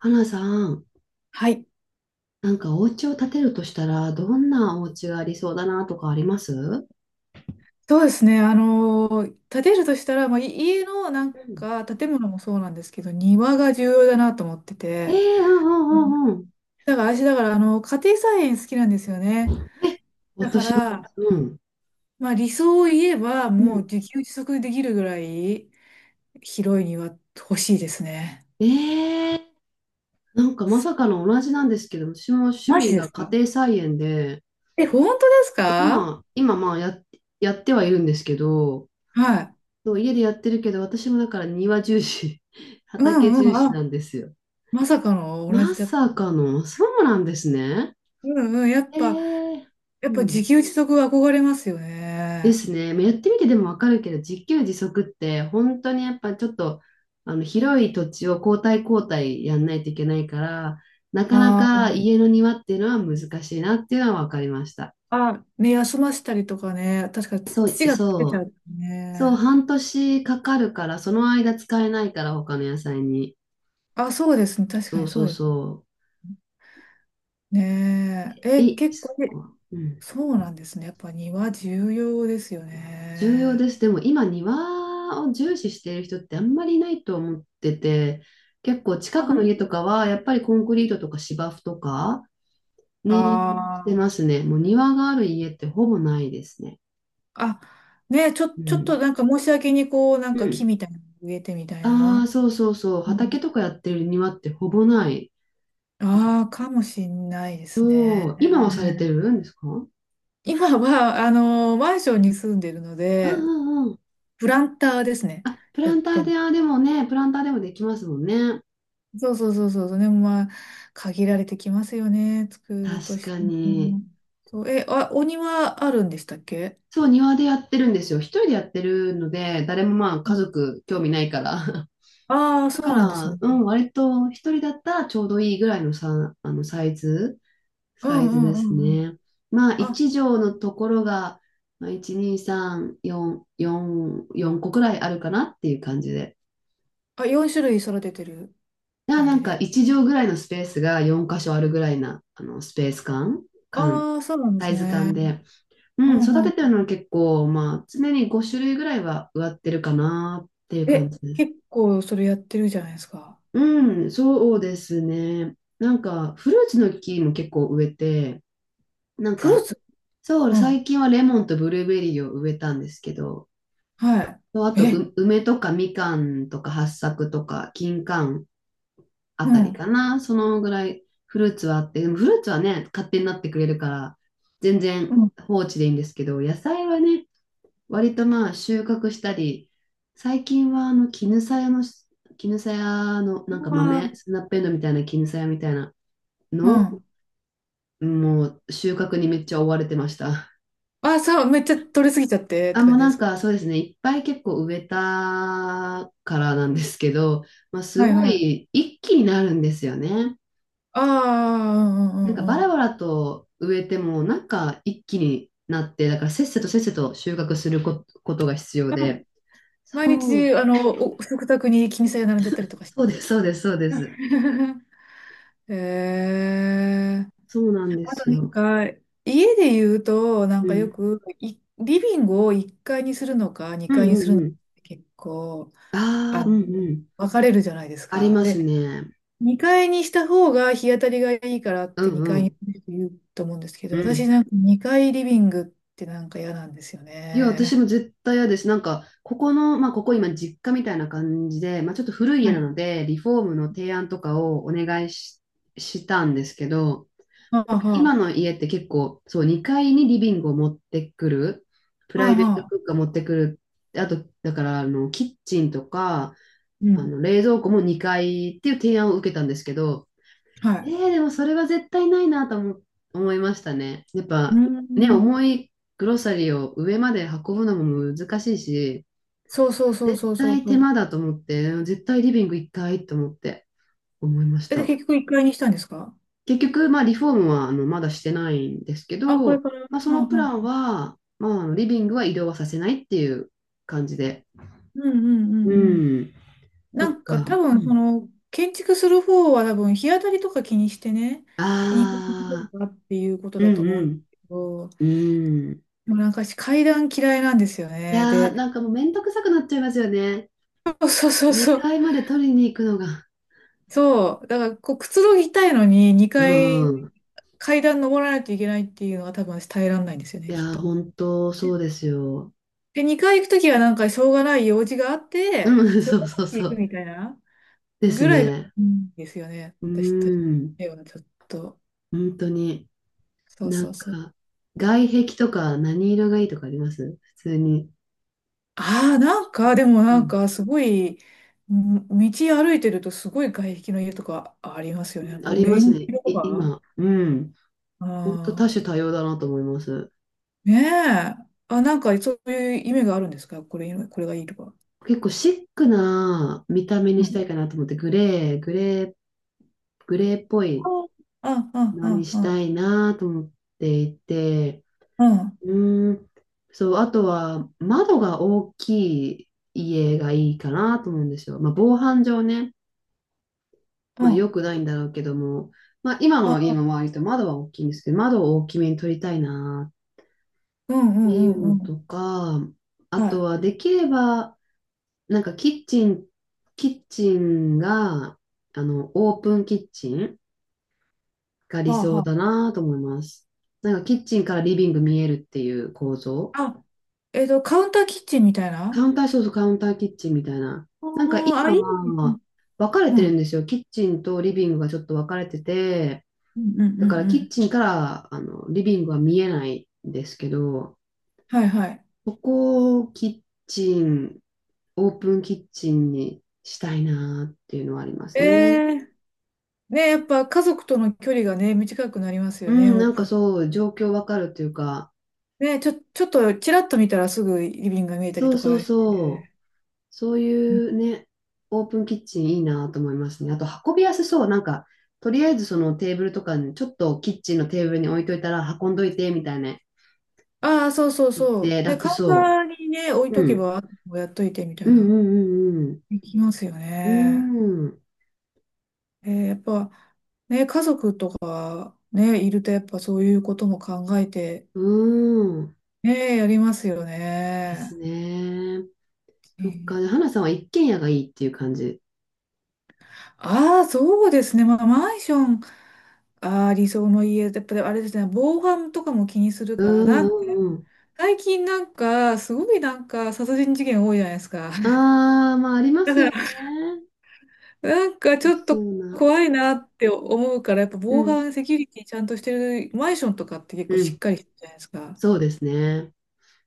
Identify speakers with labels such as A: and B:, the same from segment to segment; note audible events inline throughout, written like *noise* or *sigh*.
A: 花さん、
B: はい、
A: なんかお家を建てるとしたら、どんなお家がありそうだなとかありますう
B: そうですね。建てるとしたら、い家のなん
A: ん。
B: か建物もそうなんですけど、庭が重要だなと思って
A: え
B: て、
A: えー。うんう
B: うん
A: んうんうん。
B: だから家庭菜園好きなんですよね。
A: え、
B: だか
A: 私もです。
B: ら、
A: うん。
B: 理想を言えば、
A: う
B: も
A: ん。
B: う自給自足できるぐらい広い庭欲しいですね。
A: ええー、なんかまさかの同じなんですけど、私も趣
B: マジ
A: 味
B: で
A: が
B: す
A: 家
B: か？
A: 庭菜園で、
B: え、本当です
A: そう
B: か？
A: 今やってはいるんですけど、
B: はい。
A: そう家でやってるけど、私もだから庭重視、*laughs*
B: う
A: 畑
B: んう
A: 重
B: ん。
A: 視
B: あ、
A: なんですよ。
B: まさかの同じ
A: ま
B: だ。
A: さかの、そうなんですね。
B: うんうん。
A: ええ
B: やっ
A: ー。う
B: ぱ自
A: ん。
B: 給自足は憧れますよ
A: で
B: ね。
A: すね。まあやってみてでもわかるけど、自給自足って本当にやっぱちょっと広い土地を交代交代やんないといけないから、なかなか家の庭っていうのは難しいなっていうのはわかりました。
B: あ、ね、休ませたりとかね、確かにつ
A: そう、
B: 土が溶け
A: そ
B: ちゃ
A: う、
B: う
A: そう、
B: ね。
A: 半年かかるから、その間使えないから他の野菜に。
B: あ、そうですね、確か
A: そう
B: にそ
A: そ
B: う
A: う
B: です
A: そ
B: ね。
A: う。
B: え、
A: え、
B: 結
A: そっ
B: 構、え
A: か。うん。
B: そうなんですね。やっぱ庭重要ですよ
A: 重要で
B: ね。
A: す。でも今庭を重視している人ってあんまりいないと思ってて、結構近
B: あ、ほ
A: く
B: ん
A: の家
B: と。
A: とかはやっぱりコンクリートとか芝生とか
B: あ
A: ね、して
B: ー、
A: ますね。もう庭がある家ってほぼないですね。
B: あ、ね、
A: う
B: ちょっと
A: ん。
B: なんか申し訳にこう、なん
A: う
B: か木
A: ん。
B: みたいなの植えてみたい
A: ああ、
B: な。
A: そうそうそう。
B: うん。
A: 畑とかやってる庭ってほぼない。
B: ああ、かもしんないです
A: そ
B: ね。
A: う。今はされてるんですか？うん
B: 今は、マンションに住んでるの
A: う
B: で、
A: んうん。
B: プランターですね。
A: あ、プ
B: や
A: ラ
B: っ
A: ンタ
B: て
A: ー
B: んの？
A: で、あ、でもね、プランターでもできますもんね。
B: そうそうそうそう。でも限られてきますよね。作ると
A: 確
B: し
A: か
B: て
A: に。
B: も。そう、え、あ、お庭あるんでしたっけ？
A: そう、庭でやってるんですよ。一人でやってるので、誰もまあ家族興味ないから。
B: ああー、
A: *laughs* だ
B: そ
A: か
B: うなんです
A: ら、
B: ね。
A: うん、割と一人だったらちょうどいいぐらいのさ、サイズ、
B: う
A: サイズ
B: んう
A: で
B: んう
A: す
B: んうん。
A: ね。まあ、
B: あ、
A: 1畳のところが、まあ、1、2、3、4、4、4個くらいあるかなっていう感じで。
B: 4種類育ててる
A: だから
B: 感
A: な
B: じ
A: んか
B: で。
A: 1畳ぐらいのスペースが4箇所あるぐらいな、スペース感、感、
B: ああ、そうなんで
A: サ
B: す
A: イズ
B: ね。
A: 感で。う
B: う
A: ん、育
B: んう
A: て
B: ん。
A: てるのは結構、まあ、常に5種類ぐらいは植わってるかなっていう感
B: え、
A: じです。
B: 結構それやってるじゃないですか。
A: うん、そうですね。なんか、フルーツの木も結構植えて、なん
B: フルー
A: か、
B: ツ。
A: そう、
B: う
A: 最
B: ん。
A: 近はレモンとブルーベリーを植えたんですけど、
B: は
A: そうあ
B: い。
A: と、
B: え、
A: 梅とかみかんとか八朔とか金柑あ
B: う
A: たり
B: ん。
A: かな。そのぐらいフルーツはあって、でもフルーツはね、勝手になってくれるから、全
B: う
A: 然
B: ん。
A: 放置でいいんですけど、野菜はね、割とまあ収穫したり、最近は絹さやの、なんか
B: あ
A: 豆、
B: あ、
A: スナッペンドウみたいな絹さやみたいな
B: う
A: のを
B: ん。
A: もう収穫にめっちゃ追われてました。
B: あ、そう、めっちゃ取れすぎちゃってっ
A: あ、
B: て
A: もう
B: 感じ
A: な
B: で
A: ん
B: すか？
A: かそうですね、いっぱい結構植えたからなんですけど、まあ、す
B: はい
A: ご
B: はい。
A: い一気になるんですよね。
B: ああ、うんう
A: なん
B: ん
A: か
B: うん
A: バ
B: う
A: ラ
B: ん。
A: バラと植えてもなんか一気になって、だからせっせとせっせと収穫するとが必要
B: あ、
A: で。そ
B: 毎日、
A: う、
B: お食卓に気にさえ並んじゃったりとかし
A: そ
B: て。
A: うです、そうです、そうです。
B: *laughs* へえ。
A: そうなんで
B: あと
A: す
B: なん
A: よ。
B: か、家で言うと、
A: う
B: よ
A: ん。
B: く、いリビングを1階にするのか、
A: うん
B: 2階に
A: う
B: する
A: ん
B: の
A: う
B: かっ
A: ん。
B: て結構、
A: あ
B: あ
A: あ、う
B: の、
A: んうん。
B: 分かれるじゃないです
A: あり
B: か。
A: ます
B: で、
A: ね。
B: 2階にした方が日当たりがいいからっ
A: う
B: て
A: ん
B: 2
A: う
B: 階に
A: ん。
B: する人言うと思うんですけ
A: う
B: ど、私
A: ん。
B: なんか2階リビングってなんか嫌なんですよ
A: いや、私も
B: ね。
A: 絶対嫌です。なんか、ここの、まあ、ここ今、実家みたいな感じで、まあ、ちょっと古い家
B: は
A: な
B: い。
A: ので、リフォームの提案とかをお願いし、したんですけど、
B: はあ
A: 今
B: は
A: の家って結構、そう、2階にリビングを持ってくる、プ
B: あ。
A: ラ
B: は
A: イベー
B: あは
A: ト
B: あ。
A: 空間持ってくる、あと、だから、キッチンとか、
B: うん。
A: 冷蔵庫も2階っていう提案を受けたんですけど、
B: はい。
A: でもそれは絶対ないなと思いましたね。やっ
B: う
A: ぱね、
B: ん。
A: 重いグロサリーを上まで運ぶのも難しいし、
B: そうそうそう
A: 絶
B: そうそう
A: 対
B: そ
A: 手
B: う。
A: 間だと思って、絶対リビング1回と思って思いまし
B: え、で、
A: た。
B: 結局一階にしたんですか？
A: 結局、まあリフォームはまだしてないんですけ
B: あ、これ
A: ど、
B: から。う
A: まあ、そのプラン
B: ん
A: は、まあ、リビングは移動はさせないっていう感じで。
B: うんうんう
A: う
B: んうんうん。
A: ん、そ
B: な
A: っ
B: んか
A: か。
B: 多
A: う
B: 分、そ
A: ん。
B: の、建築する方は多分、日当たりとか気にしてね、二階
A: ああ、
B: かっていうこと
A: う
B: だと思うんです
A: ん
B: けど、で
A: うん、うん。
B: もなんか私階段嫌いなんですよ
A: い
B: ね。
A: やー、
B: で、
A: なんかもうめんどくさくなっちゃいますよね。
B: そうそうそうそ
A: 2
B: う。
A: 階まで取りに行くのが、
B: そう。だから、こう、くつろぎたいのに、2階、
A: うん。
B: 階段登らないといけないっていうのは多分私耐えられないんですよ
A: い
B: ね、きっ
A: やー、
B: と。
A: 本当そうですよ。
B: で、2回行くときはなんかしょうがない用事があって、
A: うん、*laughs*
B: しょう
A: そう
B: がなく
A: そう
B: て行
A: そ
B: く
A: う。
B: みたいな
A: で
B: ぐ
A: す
B: らいがい
A: ね。
B: いんですよね。
A: う
B: 私とし
A: ん、
B: てはちょっと。
A: 本当に。
B: そう
A: な
B: そ
A: ん
B: うそう。
A: か、外壁とか何色がいいとかあります？普通に。
B: ああ、なんか、でも
A: う
B: なん
A: ん、
B: かすごい、ん道歩いてるとすごい外壁の家とかありますよね。なんか
A: あ
B: オ
A: りま
B: レ
A: す
B: ンジ
A: ね。
B: 色とか。
A: 今。うん。
B: あ
A: 本当多
B: あ、
A: 種多様だなと思います。
B: ねえ。あ、なんかそういう意味があるんですか？これ、これがいいとか。
A: 結構シックな見た目に
B: う
A: した
B: ん。
A: いかなと思って、グレー、グレー、グレーっぽ
B: あ、
A: い
B: あ、あ、
A: のに
B: あ、
A: し
B: あ、
A: たいなと思っていて、
B: あ、あ、
A: うーん。そう、あとは窓が大きい家がいいかなと思うんですよ。まあ、防犯上ね、まあ、
B: あ、
A: 良くないんだろうけども、まあ、今の家の
B: あ、
A: 周りと窓は大きいんですけど、窓を大きめに取りたいなっ
B: うんう
A: てい
B: ん
A: う
B: うん
A: の
B: う
A: と
B: ん。
A: か、あ
B: は
A: と
B: い。
A: はできれば、なんかキッチンが、オープンキッチンが理
B: はあは
A: 想だ
B: あ。
A: なと思います。なんかキッチンからリビング見えるっていう構造。
B: あ、えっと、カウンターキッチンみたい
A: カ
B: な。
A: ウンター、そうそう、カウンターキッチンみたいな。
B: あ
A: なんか
B: ー、あ、
A: 今
B: いいですね。
A: は分かれ
B: う
A: てる
B: ん。
A: んですよ。キッチンとリビングがちょっと分かれてて、
B: うんうんう
A: だか
B: ん
A: ら
B: う
A: キッ
B: ん。
A: チンからリビングは見えないんですけど、
B: はいはい。
A: ここをキッチン、オープンキッチンにしたいなっていうのはありま
B: え
A: すね。
B: え、ね、やっぱ家族との距離がね、短くなります
A: う
B: よね、
A: ん、
B: オ
A: な
B: ー
A: んか
B: プン。
A: そう、状況分かるというか、
B: ね、ちょっとちらっと見たらすぐリビングが見えたり
A: そう
B: と
A: そ
B: か
A: う
B: し
A: そう。
B: て。
A: そういうね、オープンキッチンいいなと思いますね。あと運びやすそう。なんか、とりあえずそのテーブルとかに、ちょっとキッチンのテーブルに置いといたら運んどいてみたいな
B: ああ、そうそう
A: 言っ
B: そ
A: て
B: う。ね、
A: 楽
B: カウンタ
A: そ
B: ーにね、置い
A: う。
B: と
A: う
B: け
A: ん。
B: ば、あともやっといてみた
A: う
B: い
A: ん
B: な。
A: うんうん
B: できますよ
A: う
B: ね。
A: ん。うーん。
B: えーやっぱ、ね、家族とかね、いるとやっぱそういうことも考えて、
A: うーん。
B: ねえ、やりますよ
A: です
B: ね。
A: ね。そっか。花さんは一軒家がいいっていう感じ。
B: ああー、そうですね。まあ、マンション、ああ、理想の家、やっぱりあれですね、防犯とかも気にする
A: う
B: から、な
A: ん
B: んか、
A: うんうん。
B: 最近なんか、すごいなんか、殺人事件多いじゃないですか。*laughs*
A: ああ、まあありま
B: だ
A: す
B: か
A: よ
B: ら、
A: ね。
B: なんかちょっ
A: そ
B: と
A: うな。
B: 怖いなって思うから、やっぱ
A: う
B: 防
A: ん。
B: 犯セキュリティちゃんとしてるマンションとかって結構
A: う
B: しっ
A: ん。
B: かりしてるじゃないですか。だか
A: そうですね。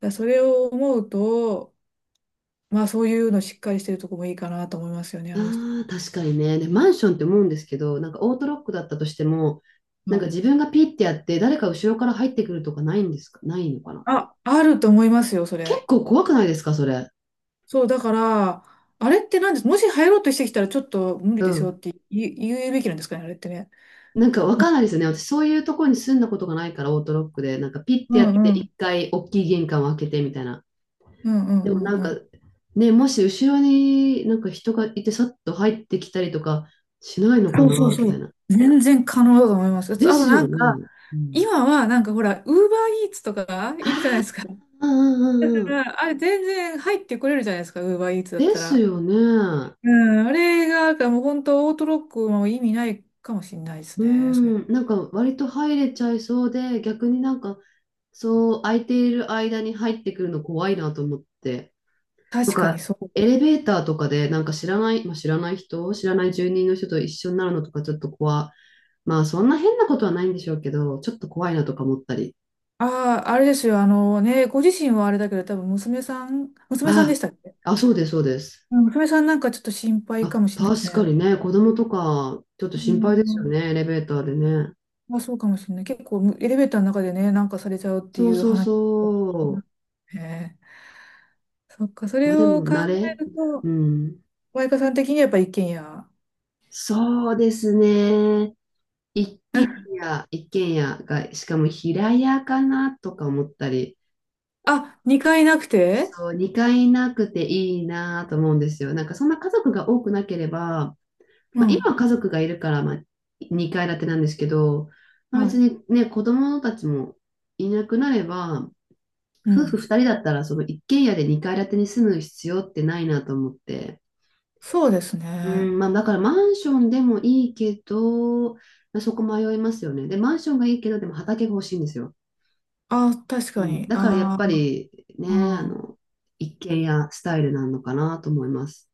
B: らそれを思うと、まあそういうのしっかりしてるとこもいいかなと思いますよね、あの人。
A: ああ、確かにね。で、マンションって思うんですけど、なんかオートロックだったとしても、な
B: は
A: んか自
B: い。
A: 分がピッてやって、誰か後ろから入ってくるとかないんですか？ないのかな？
B: あ、あると思いますよ、そ
A: 結
B: れ。
A: 構怖くないですか？それ。
B: そう、だから、あれってなんです、もし入ろうとしてきたらちょっと無理
A: う
B: ですよ
A: ん。
B: って言うべきなんですかね、あれってね。
A: なんかわかんないですよね。私、そういうところに住んだことがないから、オートロックで、なんかピッ
B: う
A: てやって、
B: んう
A: 一
B: ん。
A: 回大きい玄関を開けてみたいな。
B: うんう
A: でも
B: ん
A: な
B: う
A: ん
B: ん
A: か、
B: うん。
A: ね、もし後ろになんか人がいて、さっと入ってきたりとかしないのか
B: そうそう
A: なみ
B: そ
A: たい
B: う。
A: な。
B: 全然可能だと思います。あ
A: で
B: とあと
A: す
B: な
A: よ
B: んか、
A: ね。うん。
B: 今はなんかほら、ウーバーイーツとかがいるじゃないですか。
A: うん
B: だ
A: うん
B: か
A: うんうん。
B: らあれ全然入ってこれるじゃないですか、ウーバーイーツだっ
A: で
B: た
A: す
B: ら。
A: よね。
B: うん、あれが、もう本当オートロックも意味ないかもしれないです
A: うー
B: ね。それ
A: ん、なんか割と入れちゃいそうで、逆になんかそう空いている間に入ってくるの怖いなと思って。と
B: 確かに
A: か、
B: そう。
A: エレベーターとかでなんか知らない、まあ、知らない住人の人と一緒になるのとかちょっと怖、まあそんな変なことはないんでしょうけど、ちょっと怖いなとか思ったり。
B: ああ、あれですよ。あのね、ご自身はあれだけど、多分娘さんで
A: あ、
B: したっけ？
A: あ、そうです、そうです。
B: うん娘さんなんかちょっと心配
A: あ、
B: かもしれないです
A: 確か
B: ね。
A: にね、子供とかちょっと
B: う
A: 心配ですよ
B: ん、
A: ね、エレベーターでね。
B: まあ、そうかもしれない。結構エレベーターの中でね、なんかされちゃうって
A: そ
B: い
A: う
B: う
A: そう
B: 話を聞きま
A: そ
B: すね。そっか、そ
A: う。ま
B: れ
A: あで
B: を
A: も
B: 考
A: 慣れ。
B: える
A: う
B: と、
A: ん。
B: マイカさん的にはやっぱ一軒家。
A: そうですね。一軒
B: *laughs*
A: 一軒家が、しかも平屋かなとか思ったり、
B: あ、2階なくて？
A: そう、2階なくていいなと思うんですよ。なんかそんな家族が多くなければ、
B: う
A: まあ、今
B: ん。
A: は家族がいるから、まあ、2階建てなんですけど、まあ、
B: は
A: 別
B: い。
A: にね、子供たちもいなくなれば、
B: う
A: 夫婦
B: ん。
A: 2人だったらその一軒家で2階建てに住む必要ってないなと思って。
B: そうです
A: う
B: ね。
A: ん、まあ、だからマンションでもいいけど、まあ、そこ迷いますよね。で、マンションがいいけど、でも畑が欲しいんですよ。
B: あ、確
A: う
B: か
A: ん、
B: に。
A: だからやっ
B: あ
A: ぱ
B: ー
A: りね、
B: あー、
A: 一軒家スタイルなのかなと思います。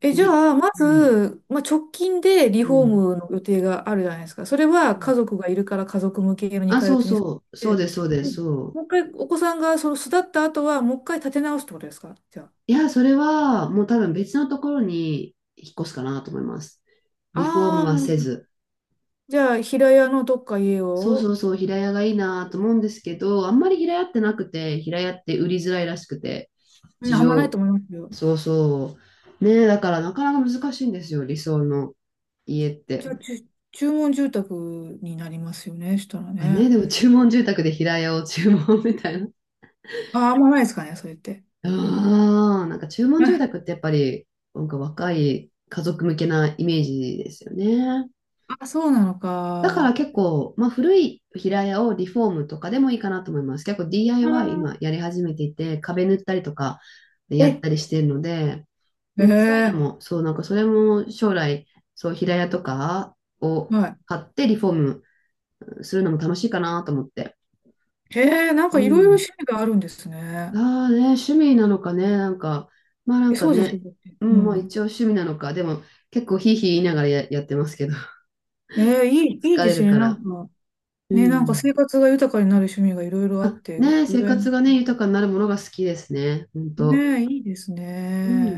B: え、じ
A: で、
B: ゃあ、ま
A: うん、
B: ず、まあ、直近でリ
A: う
B: フォー
A: ん、
B: ムの予定があるじゃないですか。それ
A: う
B: は
A: ん。
B: 家族がいるから家族向けの
A: あ、
B: 2階
A: そ
B: 建
A: う
B: てにさ
A: そう、そう
B: れ
A: で
B: て、
A: す、そうで
B: で
A: す、
B: も
A: そう。
B: もう一回お子さんがその巣立った後は、もう一回建て直すってことですかじゃあ。
A: いや、それはもう多分別のところに引っ越すかなと思います。リフォーム
B: あ
A: は
B: あ、
A: せず。
B: じゃあ、平屋のどっか家
A: そうそ
B: を、
A: うそう、平屋がいいなと思うんですけど、あんまり平屋ってなくて、平屋って売りづらいらしくて。
B: うん
A: 事
B: あんまない
A: 情
B: と思いますよ。
A: そうそう。ねえ、だからなかなか難しいんですよ、理想の家っ
B: じ
A: て。
B: ゃあ、注文住宅になりますよね、したら
A: あね、
B: ね。
A: でも注文住宅で平屋を注文みたいな。
B: ああ、あんまないですかね、それって。
A: *laughs* ああ、なんか注文住宅っ
B: *laughs*
A: てやっぱり、なんか若い家族向けなイメージですよね。
B: あ、そうなの
A: だから
B: か。
A: 結構、まあ古い平屋をリフォームとかでもいいかなと思います。結構
B: あ
A: DIY 今
B: ー
A: やり始めていて、壁塗ったりとかやっ
B: え、
A: たりしてるので、
B: え
A: うん、そういうの
B: え
A: も、そう、なんかそれも将来、そう、平屋とかを
B: はい。
A: 買ってリフォームするのも楽しいかなと思って。
B: へえ、なん
A: う
B: かいろいろ
A: ん。
B: 趣味があるんですね。
A: ああね、趣味なのかね、なんか、まあな
B: え、
A: んか
B: そうですよ
A: ね、
B: ね。だって
A: う
B: う
A: ん、まあ一
B: ん。
A: 応趣味なのか、でも結構ひいひい言いながらやってますけど、*laughs*
B: いい
A: 疲
B: で
A: れ
B: す
A: る
B: ね。
A: か
B: な
A: ら。
B: んか、
A: う
B: ね、なんか
A: ん。
B: 生活が豊かになる趣味がいろいろあっ
A: あ、
B: て、う
A: ね、生
B: らやま
A: 活
B: し
A: がね、豊かになるものが好きですね、本
B: い。ね
A: 当。
B: え、いいです
A: うん。
B: ね。